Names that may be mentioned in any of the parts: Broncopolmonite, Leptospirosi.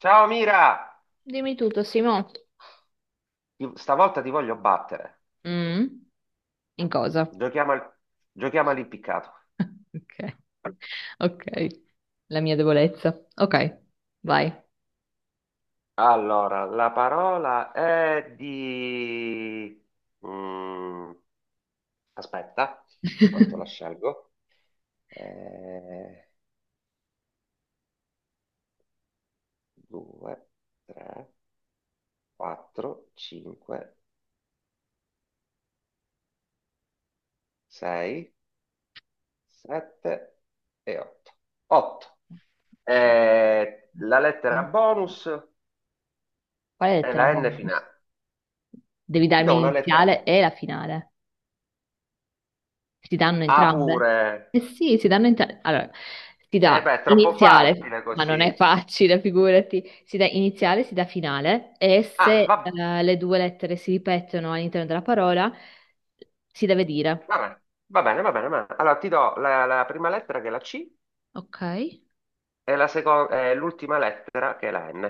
Ciao Mira, Dimmi tutto, Simo. Stavolta ti voglio battere. Mm? In cosa? Giochiamo, al... Giochiamo all'impiccato. Ok, ok. La mia debolezza. Ok, vai. Allora, la parola è di... Mm, aspetta, quanto la scelgo? Eh, 2, 3, 4, 5, 6, 7 e 8. 8. Cinque. La lettera Quale bonus è lettera la N bonus? finale. Devi Ti darmi do una lettera l'iniziale e la finale. Si danno A entrambe? pure. Eh sì, si danno entrambi. Allora, si Eh dà beh, è troppo iniziale, facile ma non è così. facile, figurati. Si dà iniziale, si dà finale e Ah, se le due lettere si ripetono all'interno della parola, si deve dire. va bene, va bene, va bene, va bene. Allora ti do la prima lettera che è la C Ok? e e l'ultima lettera che è la N.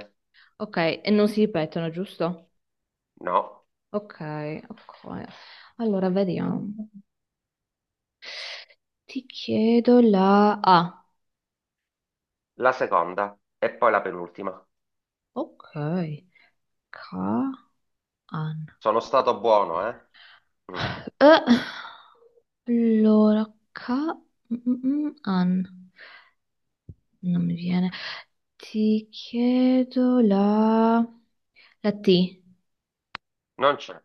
Ok, e non si ripetono, giusto? No, Ok, ok. Allora, vediamo. Ti chiedo la A. la seconda e poi la penultima. Ok. Ka an. Sono stato buono, eh? Mm. Eh, allora, ka mm, mm, mm, an. Non mi viene. Ti chiedo la T. Non c'è.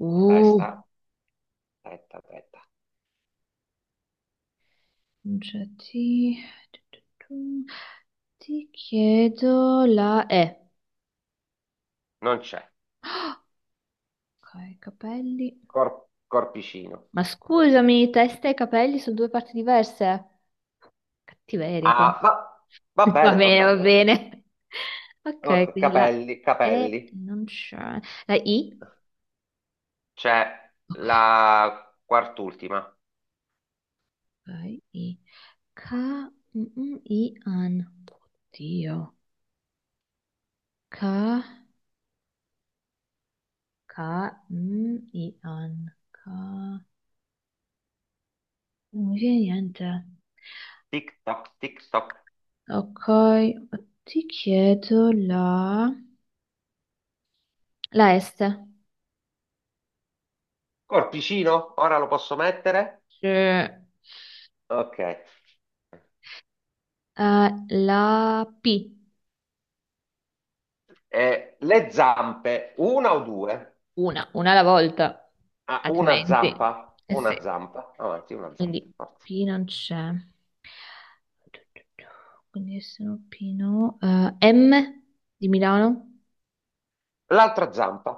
Uh, Testa, testa, testa. non c'è T. Tu, tu, tu. Ti chiedo la E. Non c'è. Ok, capelli. Corpicino. Ma scusami, testa e capelli sono due parti diverse. Cattiveria Ah, qua. Va Va bene, va bene, va bene. Va bene. bene. Ok, Ok, quindi la capelli, E capelli. non c'è. La I? C'è Ok, la quart'ultima. ok, I. K, mm, mm, I, an. Oddio. K, K, mm, I, an. K. Non mi viene niente. Tic toc, tic toc. Ok, ti chiedo la... La S. Col piscino, ora lo posso mettere? C'è, Ok. eh, la P. Le zampe, una o due? Una alla volta, Ah, altrimenti. Eh sì. una zampa, avanti, una zampa. Quindi Forza. P non c'è. Quindi sono Pino. M di Milano. L'altra zampa,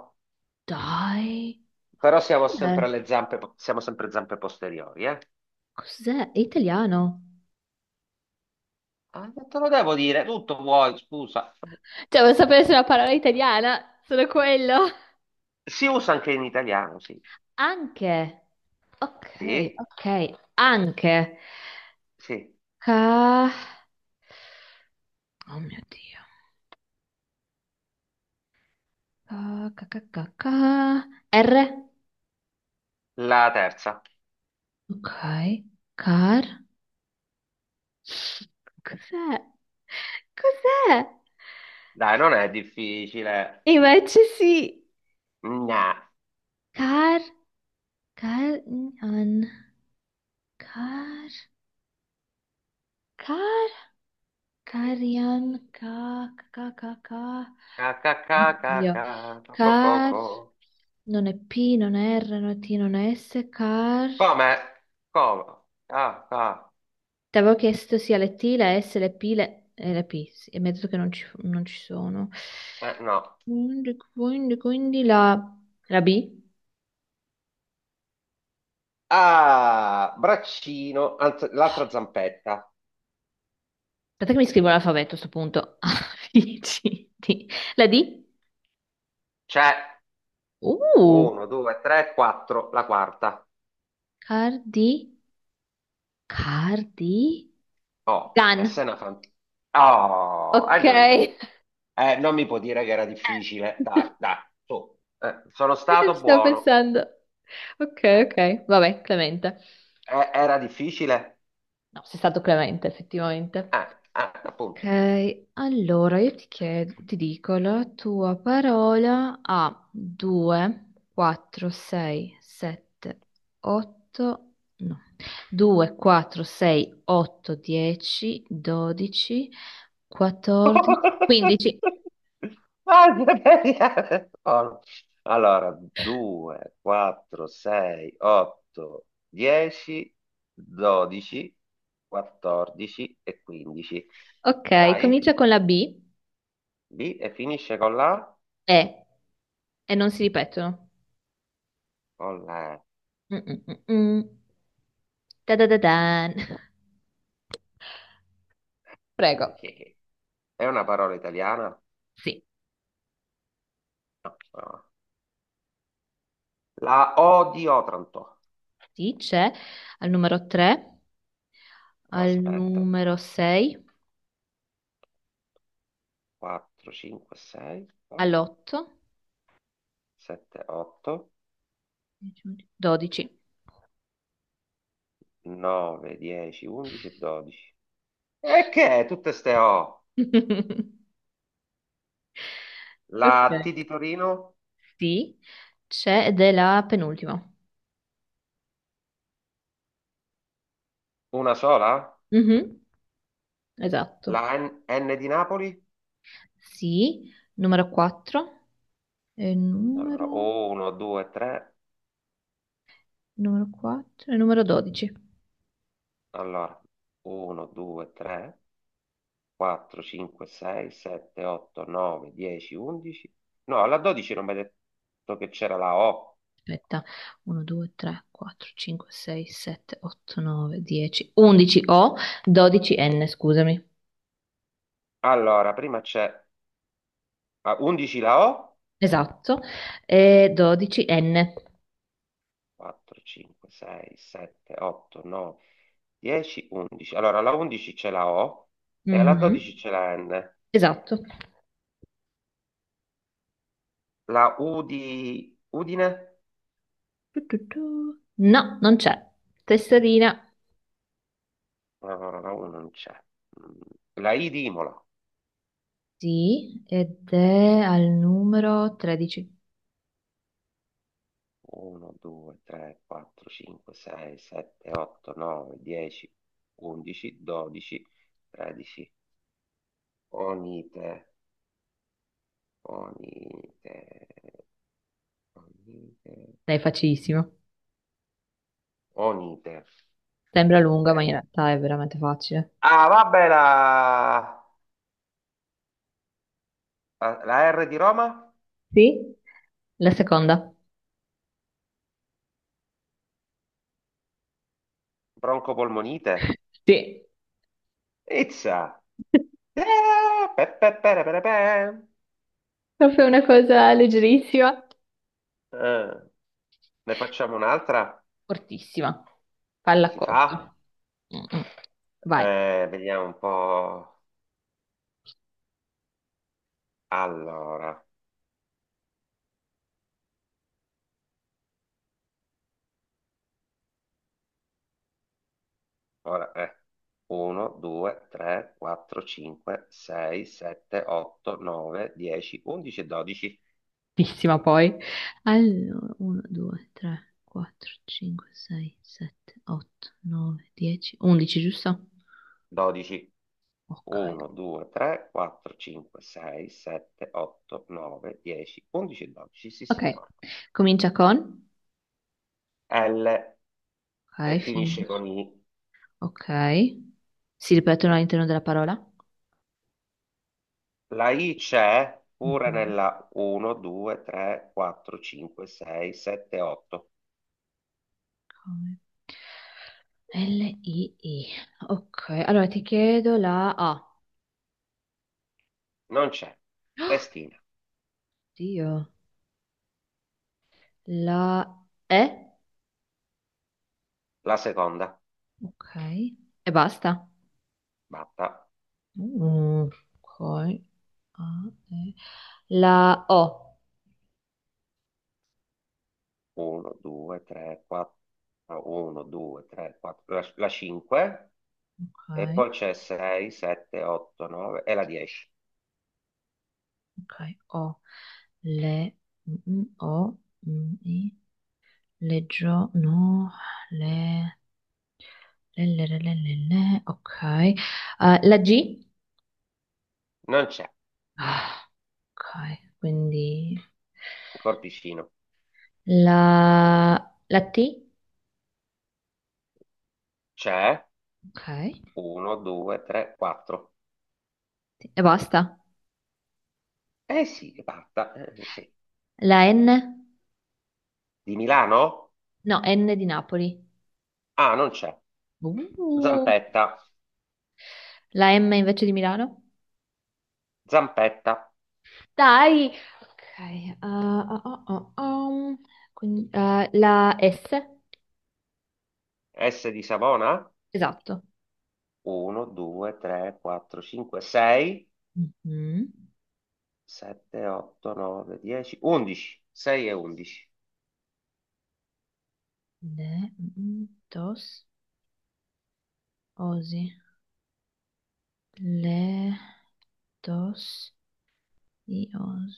Dai, ma però siamo sempre cos'è? alle zampe, siamo sempre zampe posteriori, eh? Cos'è? È italiano. Ah, non te lo devo dire, tutto vuoi, scusa. Cioè, vuoi sapere se è una parola italiana? Solo quello. Si usa anche in italiano, sì. Anche. Ok, Sì, ok. Anche. sì. Ca... Oh mio Dio. Ca, ca, ca, ca, ca. R. La terza. Ok. Car. Cos'è? Cos'è? Dai, non è difficile. Invece sì. Gna. Car, car, an, car, car, carian, ca, ca, ca, ca. Ca, ca, ca, ca, Oddio. ca, co, co, co, Car, co. non è P, non è R, non è T, non è S, car. Come? Come? Ah, ah, Ti avevo chiesto sia le T, le S, le P, le, e le P, sì, e mi ha detto che non ci sono. No. Quindi la B. Ah, braccino, anzi, l'altra zampetta. Aspetta che mi scrivo l'alfabeto a sto punto. A, B, C, D. La D? C'è Uh, uno, due, tre, quattro, la quarta. cardi, cardi, Oh, e gan. se una fan... Oh, hai Ok. indovinato. Non mi può dire che era difficile. Dai, dai, su. Sono Ci stato stavo buono. pensando. Eh, Ok, ok. Vabbè, Clemente. Era difficile? No, sei stato Clemente, effettivamente. Eh, Appunto. Ok, allora io ti chiedo, ti dico, la tua parola ha 2, 4, 6, 7, 8, no, 2, 4, 6, 8, 10, 12, 14, 15. Ah, Siberia. Oh. Allora, 2, 4, 6, 8, 10, 12, 14 e 15. Ok, Dai, comincia con la B B e finisce con la? e, e non si ripetono. Con la Mm, mm, mm, mm. Da da da dan. Prego. E. È una parola italiana? Sì, No. No. La O di Otranto. sì, c'è al numero 3, al Aspetta, numero 6. 4, 5, 6, All'8, 7, 8, 12. 9, 10, 11 e 12. E che tutte ste O? La T di Ok. Torino? Sì, c'è ed è la penultima. Una sola? Mhm, esatto. La N, N di Napoli? Sì, numero 4 e Allora, numero, 1, 2, 3. numero 4 e numero 12. Allora, 1, 2, 3, 4, 5, 6, 7, 8, 9, 10, 11. No, alla 12 non mi hai detto che c'era la O. Aspetta, 1, 2, 3, 4, 5, 6, 7, 8, 9, 10, 11 O, 12N, scusami. Allora, prima c'è a 11 la O. Esatto, e 12N. 4, 5, 6, 7, 8, 9, 10, 11. Allora, alla 11 c'è la O e alla Mhm, 12 c'è la N. esatto. La U di Udine? Tu, tu, tu. No, non c'è. Tesserina. No, no, no, la U non c'è. Mm, La I di Imola. Sì, ed è al numero 13. 1, 2, 3, 4, 5, 6, 7, 8, 9, 10, 11, 12, 13. Onite, onite, onite, Dai, facilissimo. onite. Sembra lunga, ma in Eh, realtà è veramente facile. Ah, vabbè, la R di Roma? Sì? La seconda, Broncopolmonite. sì. Izza. Eh, Pe, pe, pe, re, pe, re, pe. Proprio una cosa leggerissima. Eh. Ne facciamo un'altra? Cortissima. Palla Si fa? corta. Mm-mm. Vai, Vediamo un po'. Allora, ora è 1, 2, 3, 4, 5, 6, 7, 8, 9, 10, 11 e 12. cortissima poi. Allora, 1, 2, 3, 4, 5, 6, 7, 8, 9, 10, 11, giusto? 12. Ok. 1, 2, 3, 4, 5, 6, 7, 8, 9, 10, 11 e 12. Sì, Ok, signore. comincia con... L e Ok, finisce finisce. con I. Ok. Si ripetono all'interno della parola? La I c'è pure Mhm. nella 1, 2, 3, 4, 5, 6, 7, 8. L-I-I. Ok, allora ti chiedo la A. Non c'è. Testina. Dio. La E. La seconda. Ok. E basta. Batta. Mm, ok. A, E. La O. 1, 2, 3, 4. 1, 2, 3, 4. La 5. E Ok, poi c'è 6, 7, 8, 9 e la 10. ok. O. Le. Mm, mm, o. Mm, I. Leggio. No. Le. Le, le. Ok. La G. Non c'è. Ah. Ok, quindi Il corpicino. la, la T, C'è. ok, e 1, 2, 3, 4. basta. Eh sì, è batta. Sì. La N? Di Milano? No, N di Napoli. Ah, non c'è. Uh, Zampetta. la M invece di Milano? Zampetta. Dai! Ok, quindi, la S? S di Savona? Esatto. 1, 2, 3, 4, 5, 6. Mhm. 7, 8, 9, 10, 11. 6 e 11. Le, mm, dos, osi. Le, dos, i, os,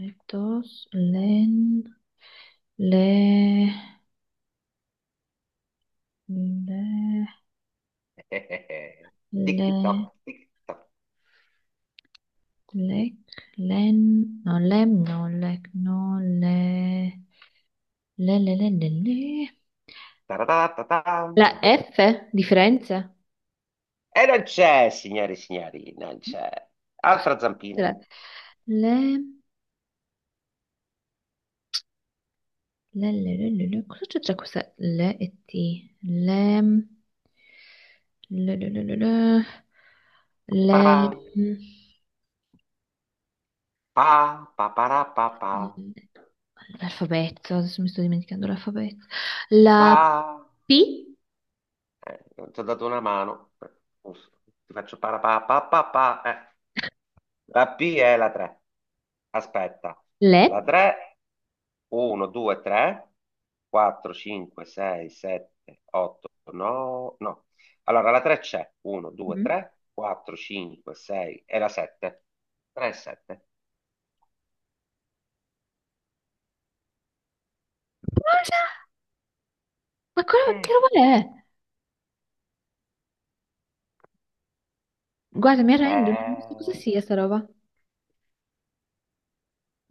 le, dos, len. Le, le, Tic toc, le, tic toc. lec, len, no, lem, no, lec, no, le, le. Taratatatam. La F di Firenze? E non c'è, signore e signori, non c'è. Cos'è? Altra zampina. Le, le, le. Cosa c'è tra questa le e T? Le, le. Parapà, pa, pa, para, pa, pa, Le- L'alfabeto, adesso mi sto dimenticando l'alfabeto. La pa. P? Non ti ho dato una mano. Giusto. Ti faccio para, pa, pa, pa, pa. La P è la 3. Aspetta. Le? La 3, 1, 2, 3, 4, 5, 6, 7, 8, 9. No. Allora, la 3 c'è. 1, 2, Mhm. 3, 4, 5, 6 e la 7. 3 e 7. Ma cosa- ma cosa- Eh che sì. roba è? Guarda, mi arrendo, non so cosa Eh, sia sta roba.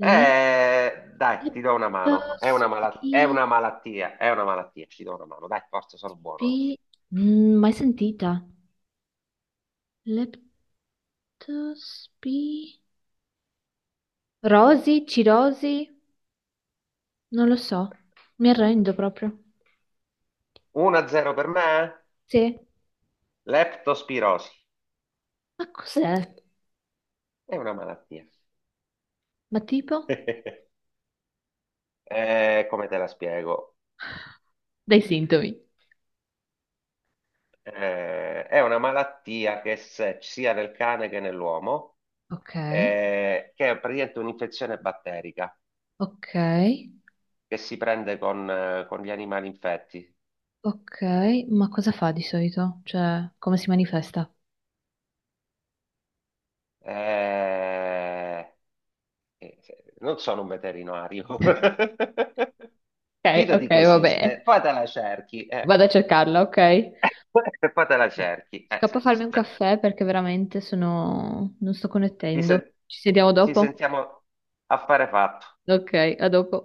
Dai, ti do una mano. È Leptospi... una malattia, è una malattia. Ci do una mano. Dai, forza, sono buono oggi. pi- Mm, mai sentita. Leptospi... Rosi, cirosi? Non lo so. Mi arrendo proprio. 1-0 per me. Sì. Leptospirosi. Ma cos'è? È una malattia. Ma tipo? Come te la spiego? Dai sintomi. È una malattia che se- sia nel cane che nell'uomo, Ok, che è praticamente un'infezione batterica ok, che si prende con gli animali infetti. ok. Ma cosa fa di solito? Cioè, come si manifesta? Eh, eh, Non sono un veterinario. Ok, ok, Fidati che vabbè. esiste, poi te la cerchi, eh. Vado a cercarla, ok? E poi te la cerchi. Scappo a farmi Scusa. un caffè perché veramente sono... non sto Ci, connettendo. sen- Ci sentiamo Ci dopo? sentiamo, affare fatto. Ok, a dopo.